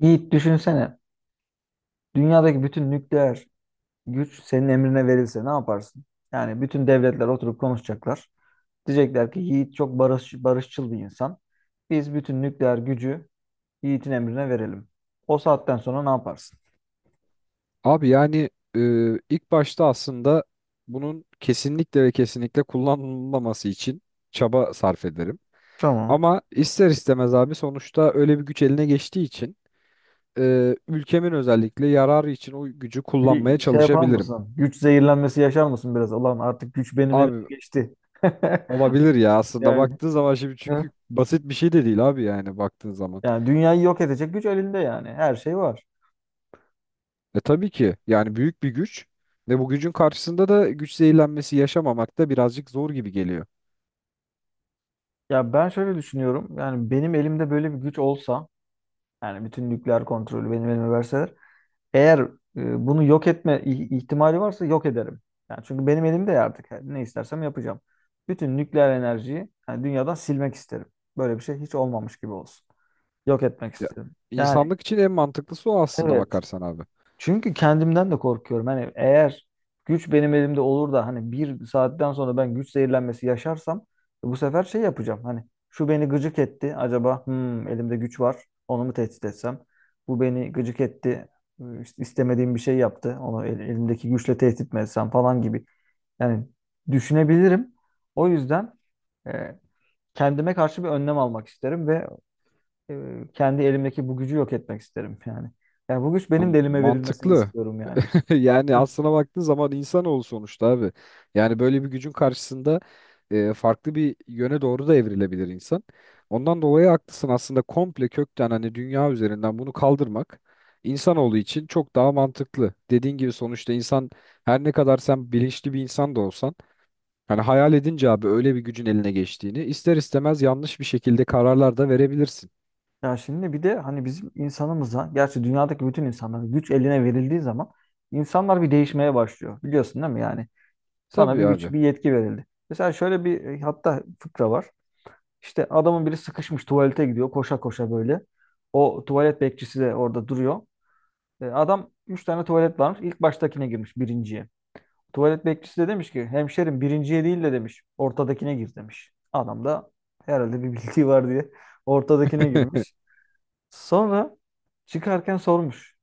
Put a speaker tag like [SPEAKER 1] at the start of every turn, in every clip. [SPEAKER 1] Yiğit düşünsene. Dünyadaki bütün nükleer güç senin emrine verilse ne yaparsın? Yani bütün devletler oturup konuşacaklar. Diyecekler ki Yiğit çok barış, barışçıl bir insan. Biz bütün nükleer gücü Yiğit'in emrine verelim. O saatten sonra ne yaparsın?
[SPEAKER 2] Abi yani e, ilk başta aslında bunun kesinlikle ve kesinlikle kullanılmaması için çaba sarf ederim.
[SPEAKER 1] Tamam.
[SPEAKER 2] Ama ister istemez abi sonuçta öyle bir güç eline geçtiği için ülkemin özellikle yararı için o gücü kullanmaya
[SPEAKER 1] Bir şey yapar
[SPEAKER 2] çalışabilirim.
[SPEAKER 1] mısın? Güç zehirlenmesi yaşar mısın biraz? Ulan artık güç benim elime
[SPEAKER 2] Abi
[SPEAKER 1] geçti.
[SPEAKER 2] olabilir ya aslında
[SPEAKER 1] Yani.
[SPEAKER 2] baktığın zaman şimdi çünkü basit bir şey de değil abi yani baktığın zaman.
[SPEAKER 1] Yani dünyayı yok edecek güç elinde yani. Her şey var.
[SPEAKER 2] E tabii ki yani büyük bir güç ve bu gücün karşısında da güç zehirlenmesi yaşamamak da birazcık zor gibi geliyor.
[SPEAKER 1] Ya ben şöyle düşünüyorum. Yani benim elimde böyle bir güç olsa, yani bütün nükleer kontrolü benim elime verseler, eğer bunu yok etme ihtimali varsa yok ederim. Yani çünkü benim elimde ya artık. Yani ne istersem yapacağım. Bütün nükleer enerjiyi yani dünyadan silmek isterim. Böyle bir şey hiç olmamış gibi olsun. Yok etmek
[SPEAKER 2] Ya,
[SPEAKER 1] isterim. Yani
[SPEAKER 2] insanlık için en mantıklısı o aslına
[SPEAKER 1] evet.
[SPEAKER 2] bakarsan abi.
[SPEAKER 1] Çünkü kendimden de korkuyorum. Hani eğer güç benim elimde olur da hani bir saatten sonra ben güç zehirlenmesi yaşarsam bu sefer şey yapacağım. Hani şu beni gıcık etti. Acaba hmm, elimde güç var. Onu mu tehdit etsem? Bu beni gıcık etti. İşte istemediğim bir şey yaptı. Onu elimdeki güçle tehdit mi etsem falan gibi. Yani düşünebilirim. O yüzden e, kendime karşı bir önlem almak isterim ve kendi elimdeki bu gücü yok etmek isterim yani. Yani bu güç
[SPEAKER 2] Ama
[SPEAKER 1] benim de elime verilmesini
[SPEAKER 2] mantıklı.
[SPEAKER 1] istiyorum yani.
[SPEAKER 2] Yani
[SPEAKER 1] Hı.
[SPEAKER 2] aslına baktığın zaman insanoğlu sonuçta abi. Yani böyle bir gücün karşısında farklı bir yöne doğru da evrilebilir insan. Ondan dolayı haklısın aslında komple kökten hani dünya üzerinden bunu kaldırmak insanoğlu için çok daha mantıklı. Dediğin gibi sonuçta insan her ne kadar sen bilinçli bir insan da olsan hani hayal edince abi öyle bir gücün eline geçtiğini ister istemez yanlış bir şekilde kararlar da verebilirsin.
[SPEAKER 1] Ya şimdi bir de hani bizim insanımıza, gerçi dünyadaki bütün insanlara güç eline verildiği zaman insanlar bir değişmeye başlıyor. Biliyorsun değil mi yani? Sana bir
[SPEAKER 2] Tabii
[SPEAKER 1] güç,
[SPEAKER 2] abi.
[SPEAKER 1] bir yetki verildi. Mesela şöyle bir hatta fıkra var. İşte adamın biri sıkışmış tuvalete gidiyor koşa koşa böyle. O tuvalet bekçisi de orada duruyor. E, adam üç tane tuvalet varmış. İlk baştakine girmiş birinciye. Tuvalet bekçisi de demiş ki hemşerim birinciye değil de demiş ortadakine gir demiş. Adam da herhalde bir bildiği var diye ortadakine girmiş. Sonra çıkarken sormuş.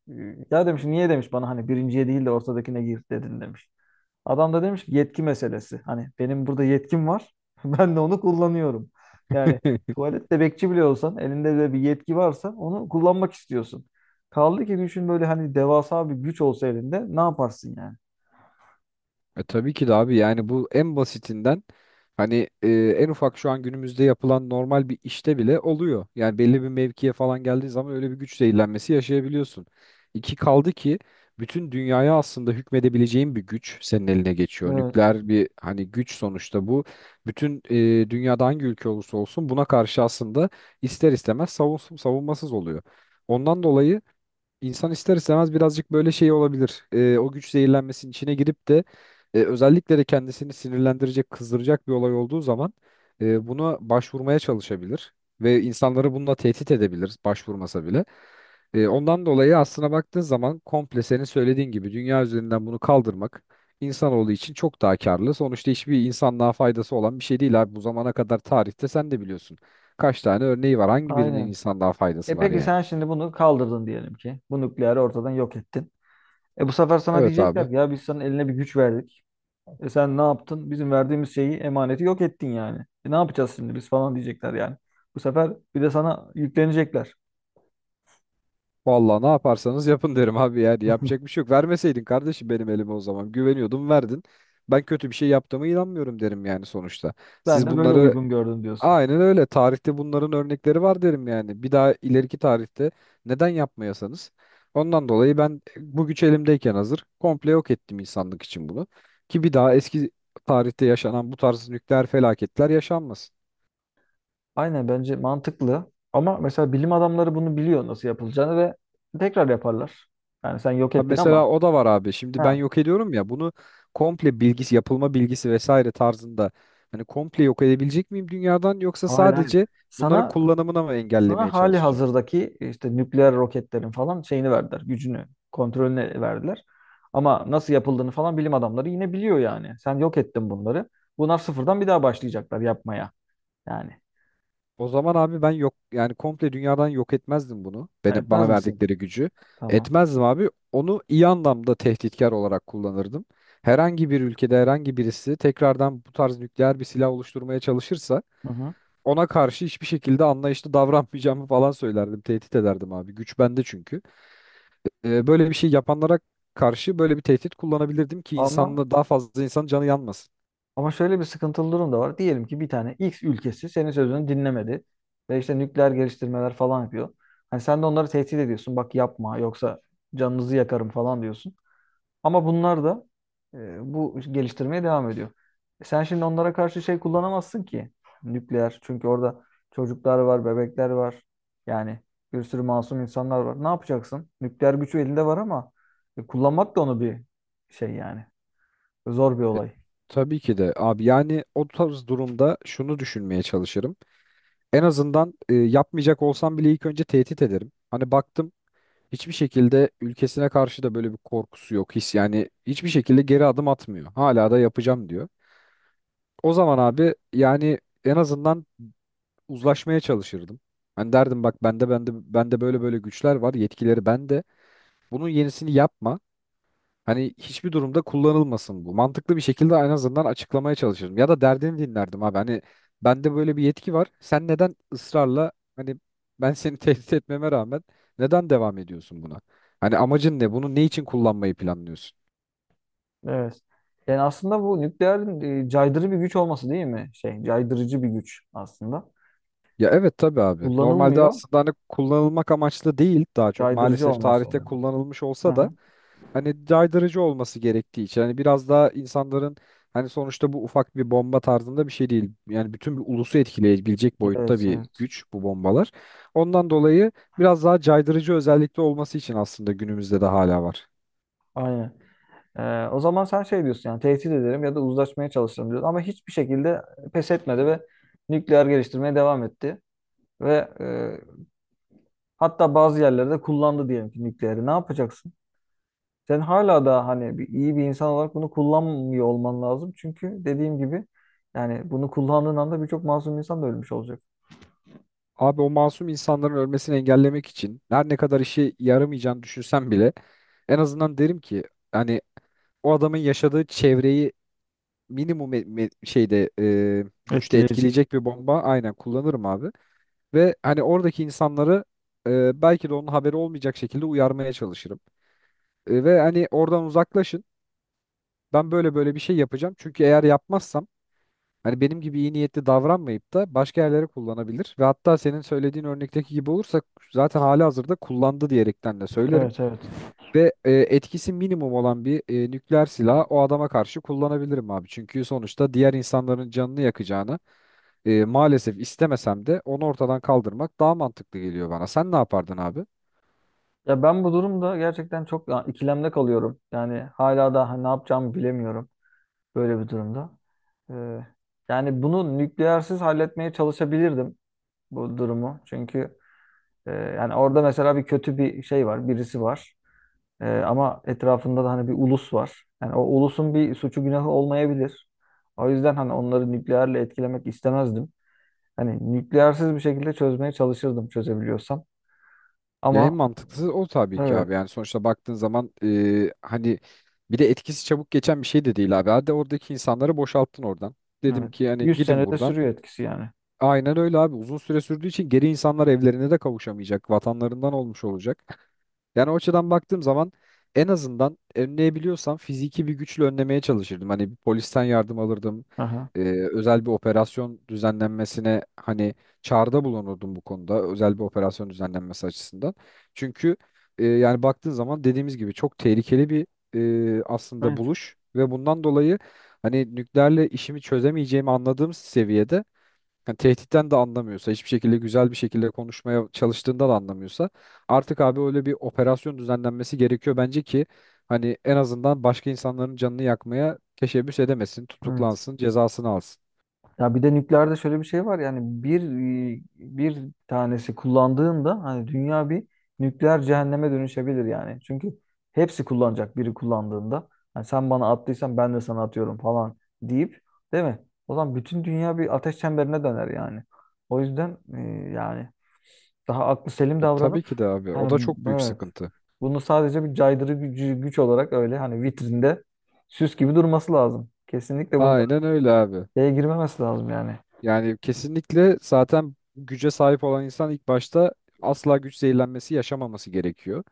[SPEAKER 1] Ya demiş niye demiş bana hani birinciye değil de ortadakine gir dedin demiş. Adam da demiş ki yetki meselesi. Hani benim burada yetkim var. Ben de onu kullanıyorum. Yani tuvalette bekçi bile olsan elinde de bir yetki varsa onu kullanmak istiyorsun. Kaldı ki düşün böyle hani devasa bir güç olsa elinde ne yaparsın yani?
[SPEAKER 2] Tabii ki de abi yani bu en basitinden hani en ufak şu an günümüzde yapılan normal bir işte bile oluyor. Yani belli bir mevkiye falan geldiği zaman öyle bir güç zehirlenmesi yaşayabiliyorsun. İki kaldı ki bütün dünyaya aslında hükmedebileceğin bir güç senin eline geçiyor.
[SPEAKER 1] Evet.
[SPEAKER 2] Nükleer bir hani güç sonuçta bu. Bütün dünyada hangi ülke olursa olsun buna karşı aslında ister istemez savunmasız oluyor. Ondan dolayı İnsan ister istemez birazcık böyle şey olabilir. O güç zehirlenmesinin içine girip de özellikle de kendisini sinirlendirecek, kızdıracak bir olay olduğu zaman buna başvurmaya çalışabilir ve insanları bununla tehdit edebilir başvurmasa bile. Ondan dolayı aslına baktığın zaman komple senin söylediğin gibi dünya üzerinden bunu kaldırmak insanoğlu için çok daha karlı. Sonuçta hiçbir insanlığa faydası olan bir şey değil abi. Bu zamana kadar tarihte sen de biliyorsun. Kaç tane örneği var? Hangi birinin
[SPEAKER 1] Aynen.
[SPEAKER 2] insanlığa faydası
[SPEAKER 1] E
[SPEAKER 2] var
[SPEAKER 1] peki
[SPEAKER 2] yani?
[SPEAKER 1] sen şimdi bunu kaldırdın diyelim ki. Bu nükleeri ortadan yok ettin. E bu sefer sana
[SPEAKER 2] Evet abi.
[SPEAKER 1] diyecekler ki ya biz sana eline bir güç verdik. E sen ne yaptın? Bizim verdiğimiz şeyi, emaneti yok ettin yani. E ne yapacağız şimdi biz falan diyecekler yani. Bu sefer bir de sana yüklenecekler.
[SPEAKER 2] Vallahi ne yaparsanız yapın derim abi yani yapacak bir şey yok. Vermeseydin kardeşim benim elime o zaman güveniyordum verdin. Ben kötü bir şey yaptığıma inanmıyorum derim yani sonuçta.
[SPEAKER 1] Ben
[SPEAKER 2] Siz
[SPEAKER 1] de böyle
[SPEAKER 2] bunları
[SPEAKER 1] uygun gördüm diyorsun.
[SPEAKER 2] aynen öyle tarihte bunların örnekleri var derim yani. Bir daha ileriki tarihte neden yapmayasanız. Ondan dolayı ben bu güç elimdeyken hazır komple yok ettim insanlık için bunu. Ki bir daha eski tarihte yaşanan bu tarz nükleer felaketler yaşanmasın.
[SPEAKER 1] Aynen bence mantıklı. Ama mesela bilim adamları bunu biliyor nasıl yapılacağını ve tekrar yaparlar. Yani sen yok
[SPEAKER 2] Ha
[SPEAKER 1] ettin ama.
[SPEAKER 2] mesela o da var abi. Şimdi ben
[SPEAKER 1] Ha,
[SPEAKER 2] yok ediyorum ya bunu komple bilgisi, yapılma bilgisi vesaire tarzında hani komple yok edebilecek miyim dünyadan yoksa
[SPEAKER 1] hayır, hayır.
[SPEAKER 2] sadece bunların
[SPEAKER 1] Sana
[SPEAKER 2] kullanımına mı engellemeye
[SPEAKER 1] Sana hali
[SPEAKER 2] çalışacağım?
[SPEAKER 1] hazırdaki işte nükleer roketlerin falan şeyini verdiler. Gücünü, kontrolünü verdiler. Ama nasıl yapıldığını falan bilim adamları yine biliyor yani. Sen yok ettin bunları. Bunlar sıfırdan bir daha başlayacaklar yapmaya. Yani
[SPEAKER 2] O zaman abi ben yok yani komple dünyadan yok etmezdim bunu.
[SPEAKER 1] ha,
[SPEAKER 2] Beni,
[SPEAKER 1] etmez
[SPEAKER 2] bana
[SPEAKER 1] misin?
[SPEAKER 2] verdikleri gücü
[SPEAKER 1] Tamam.
[SPEAKER 2] etmezdim abi. Onu iyi anlamda tehditkar olarak kullanırdım. Herhangi bir ülkede herhangi birisi tekrardan bu tarz nükleer bir silah oluşturmaya çalışırsa
[SPEAKER 1] Hı hı.
[SPEAKER 2] ona karşı hiçbir şekilde anlayışlı davranmayacağımı falan söylerdim. Tehdit ederdim abi. Güç bende çünkü. Böyle bir şey yapanlara karşı böyle bir tehdit kullanabilirdim ki
[SPEAKER 1] Ama
[SPEAKER 2] insanla daha fazla insanın canı yanmasın.
[SPEAKER 1] ama şöyle bir sıkıntılı durum da var. Diyelim ki bir tane X ülkesi senin sözünü dinlemedi ve işte nükleer geliştirmeler falan yapıyor. Hani sen de onları tehdit ediyorsun. Bak yapma yoksa canınızı yakarım falan diyorsun. Ama bunlar da bu geliştirmeye devam ediyor. E, sen şimdi onlara karşı şey kullanamazsın ki nükleer. Çünkü orada çocuklar var, bebekler var. Yani bir sürü masum insanlar var. Ne yapacaksın? Nükleer gücü elinde var ama kullanmak da onu bir şey yani. Zor bir
[SPEAKER 2] E,
[SPEAKER 1] olay.
[SPEAKER 2] tabii ki de abi yani o tarz durumda şunu düşünmeye çalışırım. En azından yapmayacak olsam bile ilk önce tehdit ederim. Hani baktım hiçbir şekilde ülkesine karşı da böyle bir korkusu yok. His yani hiçbir şekilde geri adım atmıyor. Hala da yapacağım diyor. O zaman abi yani en azından uzlaşmaya çalışırdım. Ben derdim bak bende bende böyle böyle güçler var, yetkileri bende. Bunun yenisini yapma. Hani hiçbir durumda kullanılmasın bu. Mantıklı bir şekilde en azından açıklamaya çalışırdım. Ya da derdini dinlerdim abi. Hani bende böyle bir yetki var. Sen neden ısrarla hani ben seni tehdit etmeme rağmen neden devam ediyorsun buna? Hani amacın ne? Bunu ne için kullanmayı planlıyorsun?
[SPEAKER 1] Evet. Yani aslında bu nükleerin caydırıcı bir güç olması değil mi? Şey, caydırıcı bir güç aslında.
[SPEAKER 2] Ya evet tabii abi. Normalde
[SPEAKER 1] Kullanılmıyor,
[SPEAKER 2] aslında hani kullanılmak amaçlı değil daha çok.
[SPEAKER 1] caydırıcı
[SPEAKER 2] Maalesef
[SPEAKER 1] olması
[SPEAKER 2] tarihte
[SPEAKER 1] önemli.
[SPEAKER 2] kullanılmış olsa da
[SPEAKER 1] Aha.
[SPEAKER 2] hani caydırıcı olması gerektiği için hani biraz daha insanların hani sonuçta bu ufak bir bomba tarzında bir şey değil. Yani bütün bir ulusu etkileyebilecek boyutta
[SPEAKER 1] Evet,
[SPEAKER 2] bir
[SPEAKER 1] evet.
[SPEAKER 2] güç bu bombalar. Ondan dolayı biraz daha caydırıcı özellikte olması için aslında günümüzde de hala var.
[SPEAKER 1] Aynen. O zaman sen şey diyorsun yani tehdit ederim ya da uzlaşmaya çalışırım diyorsun. Ama hiçbir şekilde pes etmedi ve nükleer geliştirmeye devam etti. Ve hatta bazı yerlerde kullandı diyelim ki nükleeri. Ne yapacaksın? Sen hala da hani bir, iyi bir insan olarak bunu kullanmıyor olman lazım. Çünkü dediğim gibi yani bunu kullandığın anda birçok masum insan da ölmüş olacak.
[SPEAKER 2] Abi o masum insanların ölmesini engellemek için her ne kadar işe yaramayacağını düşünsem bile en azından derim ki hani o adamın yaşadığı çevreyi minimum şeyde güçte
[SPEAKER 1] Etkileyecek.
[SPEAKER 2] etkileyecek bir bomba aynen kullanırım abi. Ve hani oradaki insanları belki de onun haberi olmayacak şekilde uyarmaya çalışırım. Ve hani oradan uzaklaşın. Ben böyle böyle bir şey yapacağım. Çünkü eğer yapmazsam hani benim gibi iyi niyetli davranmayıp da başka yerlere kullanabilir. Ve hatta senin söylediğin örnekteki gibi olursa zaten hali hazırda kullandı diyerekten de söylerim.
[SPEAKER 1] Evet, evet.
[SPEAKER 2] Ve etkisi minimum olan bir nükleer silahı o adama karşı kullanabilirim abi. Çünkü sonuçta diğer insanların canını yakacağını maalesef istemesem de onu ortadan kaldırmak daha mantıklı geliyor bana. Sen ne yapardın abi?
[SPEAKER 1] Ya ben bu durumda gerçekten çok ya, ikilemde kalıyorum. Yani hala da hani ne yapacağımı bilemiyorum. Böyle bir durumda. Ee, yani bunu nükleersiz halletmeye çalışabilirdim bu durumu. Çünkü yani orada mesela bir kötü bir şey var, birisi var. E, ama etrafında da hani bir ulus var. Yani o ulusun bir suçu günahı olmayabilir. O yüzden hani onları nükleerle etkilemek istemezdim. Hani nükleersiz bir şekilde çözmeye çalışırdım çözebiliyorsam.
[SPEAKER 2] Ya en
[SPEAKER 1] Ama
[SPEAKER 2] mantıklısı o tabii ki
[SPEAKER 1] evet,
[SPEAKER 2] abi. Yani sonuçta baktığın zaman hani bir de etkisi çabuk geçen bir şey de değil abi. Hadi oradaki insanları boşalttın oradan. Dedim
[SPEAKER 1] evet.
[SPEAKER 2] ki hani
[SPEAKER 1] 100
[SPEAKER 2] gidin
[SPEAKER 1] senede
[SPEAKER 2] buradan.
[SPEAKER 1] sürüyor etkisi yani.
[SPEAKER 2] Aynen öyle abi. Uzun süre sürdüğü için geri insanlar evlerine de kavuşamayacak. Vatanlarından olmuş olacak. Yani o açıdan baktığım zaman en azından önleyebiliyorsam fiziki bir güçle önlemeye çalışırdım. Hani bir polisten yardım alırdım.
[SPEAKER 1] Aha.
[SPEAKER 2] Ee, Özel bir operasyon düzenlenmesine hani çağrıda bulunurdum bu konuda. Özel bir operasyon düzenlenmesi açısından. Çünkü yani baktığın zaman dediğimiz gibi çok tehlikeli bir aslında
[SPEAKER 1] Evet,
[SPEAKER 2] buluş ve bundan dolayı hani nükleerle işimi çözemeyeceğimi anladığım seviyede yani tehditten de anlamıyorsa, hiçbir şekilde güzel bir şekilde konuşmaya çalıştığında da anlamıyorsa artık abi öyle bir operasyon düzenlenmesi gerekiyor bence ki hani en azından başka insanların canını yakmaya teşebbüs edemesin,
[SPEAKER 1] evet.
[SPEAKER 2] tutuklansın, cezasını alsın.
[SPEAKER 1] Ya bir de nükleerde şöyle bir şey var yani bir tanesi kullandığında hani dünya bir nükleer cehenneme dönüşebilir yani. Çünkü hepsi kullanacak biri kullandığında. Hani sen bana attıysan ben de sana atıyorum falan deyip değil mi? O zaman bütün dünya bir ateş çemberine döner yani. O yüzden yani daha aklı selim
[SPEAKER 2] Tabii
[SPEAKER 1] davranıp
[SPEAKER 2] ki de abi. O da
[SPEAKER 1] hani
[SPEAKER 2] çok büyük
[SPEAKER 1] evet
[SPEAKER 2] sıkıntı.
[SPEAKER 1] bunu sadece bir caydırı gücü, güç olarak öyle hani vitrinde süs gibi durması lazım. Kesinlikle bunlara
[SPEAKER 2] Aynen öyle abi.
[SPEAKER 1] şeye girmemesi lazım yani.
[SPEAKER 2] Yani kesinlikle zaten güce sahip olan insan ilk başta asla güç zehirlenmesi yaşamaması gerekiyor.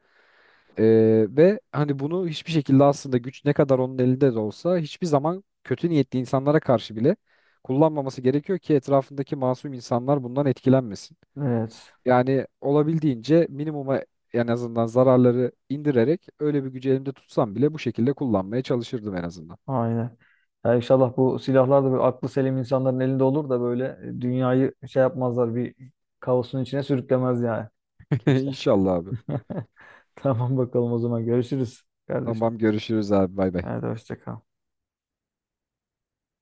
[SPEAKER 2] Ve hani bunu hiçbir şekilde aslında güç ne kadar onun elinde de olsa hiçbir zaman kötü niyetli insanlara karşı bile kullanmaması gerekiyor ki etrafındaki masum insanlar bundan etkilenmesin.
[SPEAKER 1] Evet.
[SPEAKER 2] Yani olabildiğince minimuma en azından zararları indirerek öyle bir gücü elimde tutsam bile bu şekilde kullanmaya çalışırdım en azından.
[SPEAKER 1] Aynen. Ya inşallah bu silahlar da böyle aklı selim insanların elinde olur da böyle dünyayı şey yapmazlar bir kaosun içine sürüklemez yani kimse.
[SPEAKER 2] İnşallah abi.
[SPEAKER 1] Tamam bakalım o zaman görüşürüz kardeşim.
[SPEAKER 2] Tamam görüşürüz abi bay bay.
[SPEAKER 1] Hadi hoşça kal.